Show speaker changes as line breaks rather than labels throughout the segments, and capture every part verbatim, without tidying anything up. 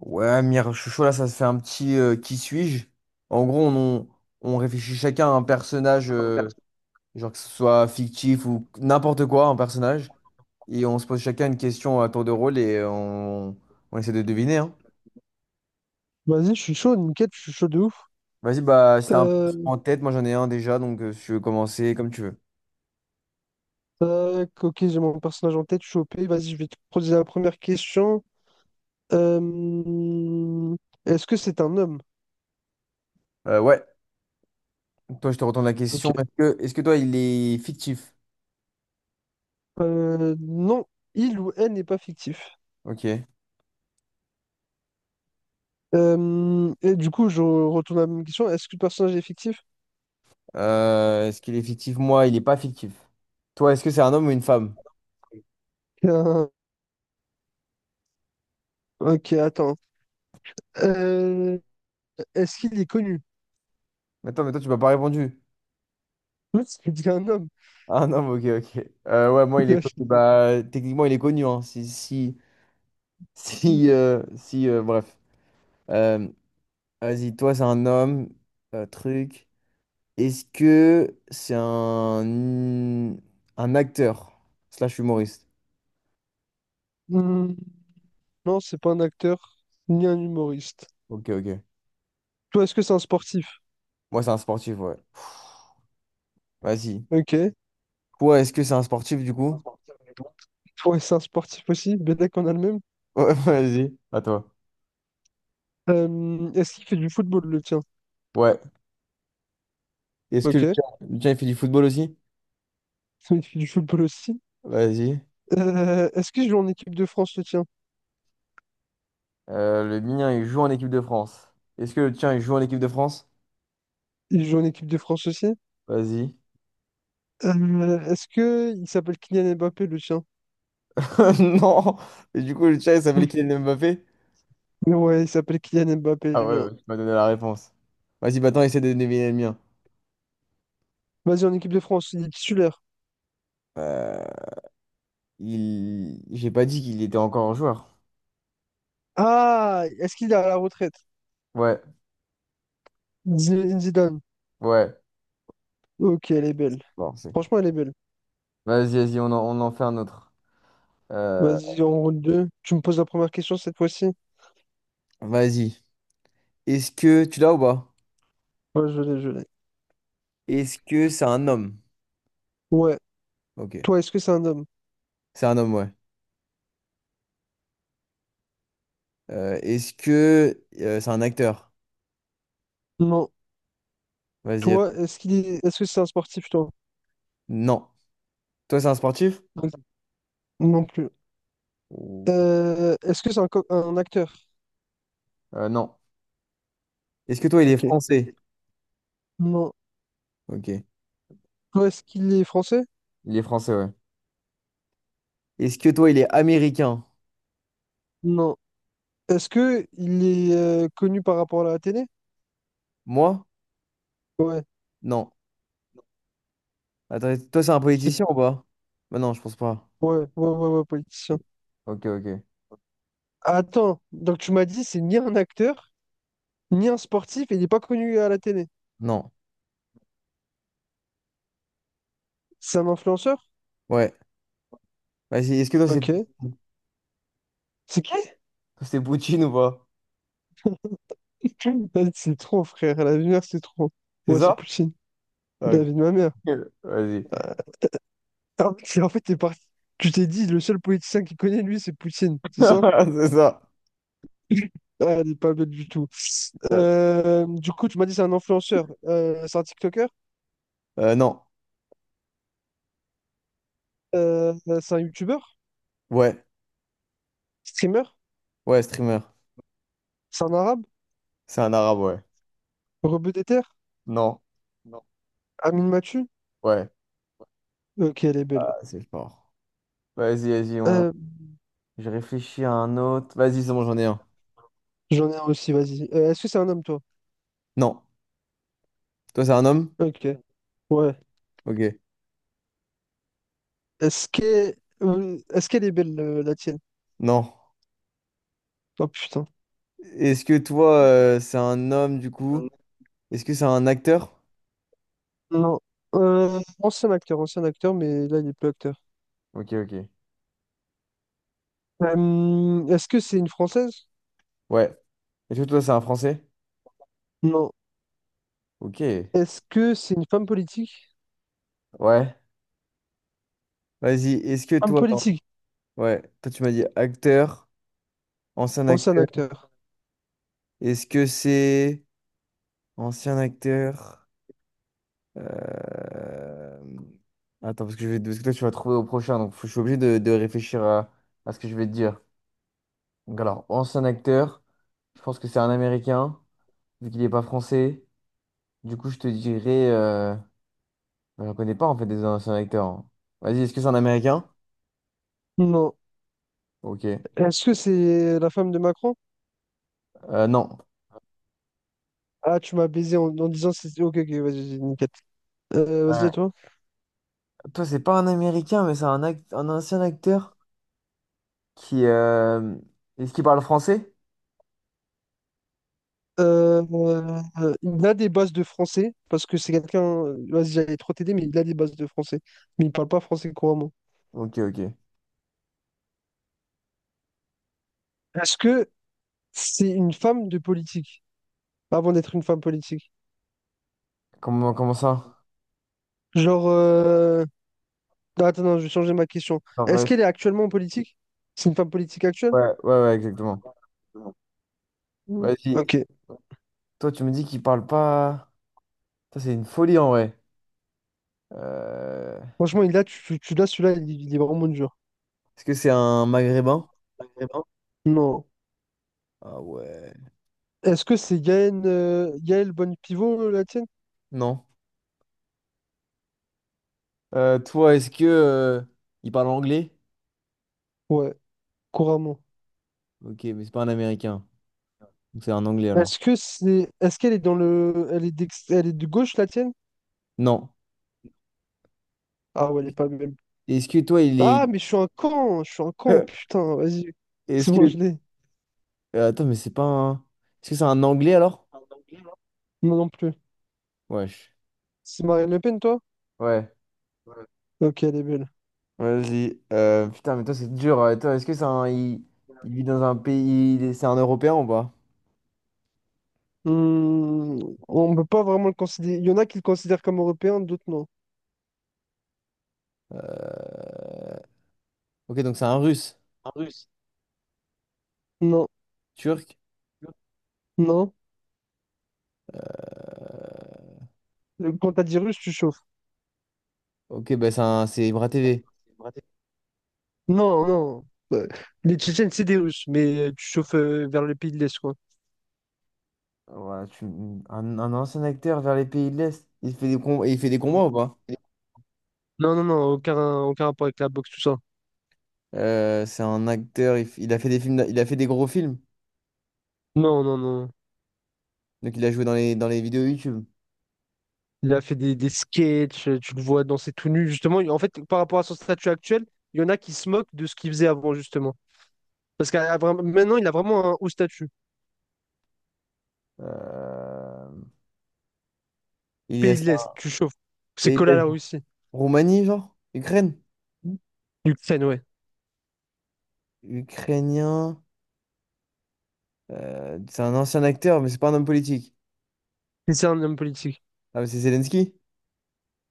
Ouais, Mire, chouchou là, ça se fait un petit euh, qui suis-je? En gros, on, on- on réfléchit chacun à un personnage, euh, genre que ce soit fictif ou n'importe quoi, un personnage. Et on se pose chacun une question à tour de rôle et on, on essaie de deviner, hein.
Vas-y, je suis chaud, nickel, je suis chaud de ouf.
Vas-y, bah, si t'as un personnage
Euh,
en tête, moi j'en ai un déjà, donc euh, si tu veux commencer, comme tu veux.
Tac, ok, j'ai mon personnage en tête, je suis O P. Vas-y, je vais te poser la première question. Euh, Est-ce que c'est un homme?
Euh, ouais, toi, je te retourne la
Ok.
question. Est-ce que, est-ce que toi, il est fictif?
Euh, non, il ou elle n'est pas fictif.
Ok.
Euh, et du coup, je retourne à la même question. Est-ce que le personnage est fictif?
Euh, est-ce qu'il est fictif? Moi, il n'est pas fictif. Toi, est-ce que c'est un homme ou une femme?
Euh, ok, attends. Euh, Est-ce qu'il est connu?
Attends, mais toi, tu m'as pas répondu.
C'est dit un homme.
Ah non, ok, ok. Euh, ouais, moi, il est connu. Bah, techniquement, il est connu, hein. Si, si, si, euh, si, euh, bref. Euh, vas-y, toi, c'est un homme, euh, truc. Est-ce que c'est un, un acteur slash humoriste?
Hmm, non, c'est pas un acteur ni un humoriste.
Ok, ok.
Toi, est-ce que c'est un sportif?
Moi, c'est un sportif, ouais. Vas-y.
Ok.
Toi, est-ce que c'est un sportif, du coup?
Ouais, c'est un sportif aussi, bien d'accord, on a le même.
Ouais, vas-y. À toi.
Euh, est-ce qu'il fait du football, le tien?
Ouais. Est-ce que
Ok.
le tien, le tien, il fait du football aussi?
Il fait du football aussi.
Vas-y.
Euh, est-ce qu'il joue en équipe de France, le tien?
Euh, le mien, il joue en équipe de France. Est-ce que le tien, il joue en équipe de France?
Il joue en équipe de France aussi.
Vas-y.
Euh, est-ce que il s'appelle Kylian Mbappé, le tien?
Non. Et du coup, le chat, il s'appelle Kylian Mbappé?
Hmm. Ouais, il s'appelle Kylian Mbappé,
Ah
le
ouais,
mien.
ouais, tu m'as donné la réponse. Vas-y, maintenant, essaie de deviner le mien.
Vas-y, en équipe de France, il est titulaire.
Euh, il... J'ai pas dit qu'il était encore un joueur.
Ah, est-ce qu'il est à la retraite?
Ouais,
Zinedine Zidane.
ouais.
Ok, elle est belle.
Bon, c'est bon.
Franchement, elle est belle.
Vas-y, vas-y, on en, on en fait un autre. Euh,
Vas-y, en route deux. Tu me poses la première question cette fois-ci?
Vas-y. Est-ce que... Tu l'as ou pas?
Ouais, je l'ai, je l'ai.
Est-ce que c'est un homme?
Ouais.
Ok.
Toi, est-ce que c'est un homme?
C'est un homme, ouais. Euh, est-ce que euh, c'est un acteur?
Non.
Vas-y,
Toi,
attends.
est-ce qu'il est... est-ce que c'est un sportif, toi?
Non. Toi, c'est un sportif?
Non plus.
Ou-
Euh, est-ce que c'est un, co- un acteur?
euh, non, est-ce que toi, il est
Ok.
français?
Non.
Ok.
Toi, est-ce qu'il est français?
Il est français, ouais. Est-ce que toi, il est américain?
Non. Est-ce que il est euh, connu par rapport à la télé?
Moi?
Ouais.
Non. Attends, toi, c'est un
C'est...
politicien ou pas? Bah non, je pense pas.
Ouais, ouais, ouais, ouais, politicien.
Ok, ok.
Attends, donc tu m'as dit, c'est ni un acteur, ni un sportif, et il n'est pas connu à la télé.
Non.
C'est un influenceur?
Ouais. Vas-y, est-ce que toi, c'est
Ok. C'est qui?
c'est Poutine ou pas?
C'est trop, frère. La lumière, c'est trop.
C'est
Ouais, c'est
ça?
Poutine.
Ah, ok.
La vie de ma mère.
Vas-y.
Ah oui, c'est- en fait, t'es parti. Tu t'es dit, le seul politicien qui connaît, lui, c'est Poutine, c'est ça?
C'est ça.
Ah, elle est pas belle du tout.
Euh,
Euh, du coup, tu m'as dit c'est un influenceur. Euh, c'est un TikToker,
Euh, non.
Euh, c'est un YouTuber,
Ouais.
streamer,
Ouais, streamer.
c'est un arabe,
C'est un arabe, ouais.
rebeu des terres,
Non.
Amin Mathieu.
Ouais.
Ok, elle est belle.
Ah, c'est fort. Vas-y, vas-y, on...
Euh,
Je réfléchis à un autre. Vas-y, c'est bon, j'en ai un.
J'en ai un aussi, vas-y. Euh, est-ce que c'est un homme, toi?
Non. Toi, c'est un homme?
Ok, ouais.
Ok.
Est-ce que, euh, Est-ce qu'elle est belle, euh, la tienne?
Non.
Oh putain.
Est-ce que toi, euh, c'est un homme, du coup? Est-ce que c'est un acteur?
Non. Euh, ancien acteur, ancien acteur, mais là, il est plus acteur.
Ok, ok.
Euh, est-ce que c'est une française?
Ouais. Est-ce que toi, c'est un Français?
Non.
Ok.
Est-ce que c'est une femme politique?
Ouais. Vas-y, est-ce que
Femme
toi, attends.
politique,
Ouais. Toi, tu m'as dit acteur, ancien
ancien
acteur.
acteur.
Est-ce que c'est ancien acteur? euh, Attends, parce que, je vais... parce que toi, tu vas trouver au prochain, donc faut- je suis obligé de, de réfléchir à... à ce que je vais te dire. Donc, alors, ancien acteur, je pense que c'est un Américain, vu qu'il n'est pas français. Du coup, je te dirais. Euh... bah, j'en connais pas, en fait, des anciens acteurs, hein. Vas-y, est-ce que c'est un Américain?
Non.
Ok.
Est-ce que c'est la femme de Macron?
Euh, non.
Ah, tu m'as baisé en, en disant c'est. Ok, ok, vas-y, vas-y, nickel. Euh, vas-y
Euh,
à toi.
toi, c'est pas un Américain, mais c'est un, act- un ancien acteur qui... euh, est-ce qu'il parle français?
Euh, euh, il a des bases de français parce que c'est quelqu'un. Vas-y, j'allais trop t'aider, mais il a des bases de français. Mais il parle pas français couramment.
Ok, ok.
Est-ce que c'est une femme de politique avant d'être une femme politique?
Comment, comment ça?
Genre. euh, non, Attends, non, je vais changer ma question.
En
Est-ce
vrai,
qu'elle est actuellement en politique? C'est une femme politique actuelle?
ouais, ouais, ouais, exactement.
Mm.
Vas-y.
Ok.
Toi, tu me dis qu'il parle pas... Ça, c'est une folie, en vrai. Euh,
Franchement, il a, tu, tu l'as, celui-là, il, il est vraiment dur.
Est-ce que c'est un Maghrébin?
Non.
Ah ouais.
Est-ce que c'est Yael, euh, Yael Bonne Pivot, la tienne?
Non. Euh, toi, est-ce que... euh, il parle anglais?
Ouais, couramment.
Ok, mais c'est pas un Américain. Donc, c'est un Anglais, alors.
Est-ce que c'est, est-ce qu'elle est dans le, elle est d'ex- elle est de gauche, la tienne?
Non.
Ah ouais, elle est pas même.
Est-ce que toi, il est...
Ah, mais je suis un con, je suis un con, putain, vas-y. C'est
est-ce
bon,
que
je l'ai.
Euh, attends, mais c'est pas un... est-ce que c'est un anglais alors?
Non, non plus.
Wesh.
C'est Marine Le Pen, toi?
Ouais,
Ok, elle est belle.
vas-y. Euh, putain, mais toi, c'est dur. Euh, Toi, est-ce que c'est un. Il... il vit dans un pays. Il est- C'est un Européen ou pas?
Hmm, on ne peut pas vraiment le considérer. Il y en a qui le considèrent comme européen, d'autres non.
Euh, Ok, donc c'est un russe.
Non,
Turc.
non. Quand t'as dit russe, tu chauffes.
Ok, bah c'est un... c'est Ibra T V.
Non, non. Euh, Les Tchétchènes, c'est des Russes, mais euh, tu chauffes euh, vers le pays de l'Est, quoi.
Ouais, tu... un, un ancien acteur vers les pays de l'Est. Il fait des com- il fait des combats ou pas?
Non, non, non, aucun, aucun rapport avec la boxe, tout ça.
Euh, c'est un acteur, il... f- il a fait des films, d'a- il a fait des gros films.
Non, non, non.
Donc il a joué dans les, dans les vidéos YouTube.
Il a fait des, des sketchs, euh, tu le vois danser tout nu. Justement, en fait, par rapport à son statut actuel, il y en a qui se moquent de ce qu'il faisait avant, justement. Parce qu'à à vra- maintenant, il a vraiment un haut statut.
Euh, Il est
Pays de
c'est
l'Est,
un
tu chauffes. C'est
pays de
collé à
l'Est.
la Russie.
Roumanie, genre? Ukraine?
Ukraine, ouais.
Ukrainien. Euh, c'est un ancien acteur, mais c'est pas un homme politique.
Et c'est un homme politique.
Ah, mais c'est Zelensky?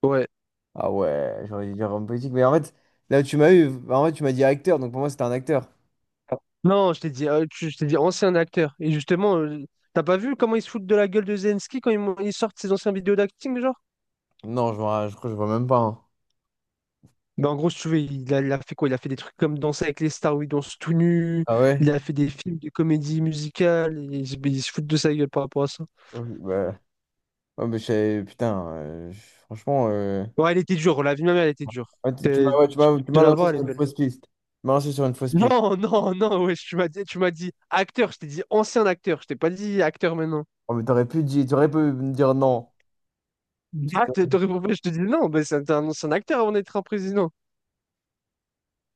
Ouais.
Ah ouais, j'aurais dû dire homme politique. Mais en fait, là où tu m'as eu, en fait, tu m'as dit acteur, donc pour moi, c'était un acteur.
Non, je t'ai dit, euh, tu- je t'ai dit ancien acteur. Et justement, euh, t'as pas vu comment ils se foutent de la gueule de Zelensky quand ils, mon- ils sortent ses anciens vidéos d'acting, genre?
Non, je vois, je crois que je vois même pas, hein.
Ben en gros, si tu veux, il a, il a fait quoi? Il a fait des trucs comme Danser avec les stars où il danse tout nu.
Ah ouais?
Il a fait des films de comédie musicale. Et ils, se ils se foutent de sa gueule par rapport à ça.
Ouais, bah, ouais, mais je savais- putain, euh, je- franchement, euh,
Ouais, elle était dure. La vie de ma mère, elle était dure.
ouais, tu tu m'as
T'es-
ouais, tu
tu-
m'as- tu
De
m'as
la
lancé
voir, elle
sur
est
une
belle.
fausse piste. Tu m'as lancé sur une fausse piste.
Non, non, non, ouais, tu m'as dit, tu m'as dit acteur. Je t'ai dit ancien acteur. Je t'ai pas dit acteur maintenant.
Oh, mais t'aurais pu dire, t'aurais pu me dire non. Parce
Ah, t-
que-
t'aurais- compris, je te dis non, ben c'est un c'est un ancien acteur avant d'être un président.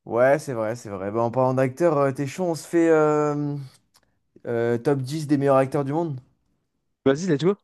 ouais, c'est vrai, c'est vrai. Bah, en parlant d'acteur, euh, t'es chaud, on se fait, euh, euh, top dix des meilleurs acteurs du monde?
Vas-y, let's go.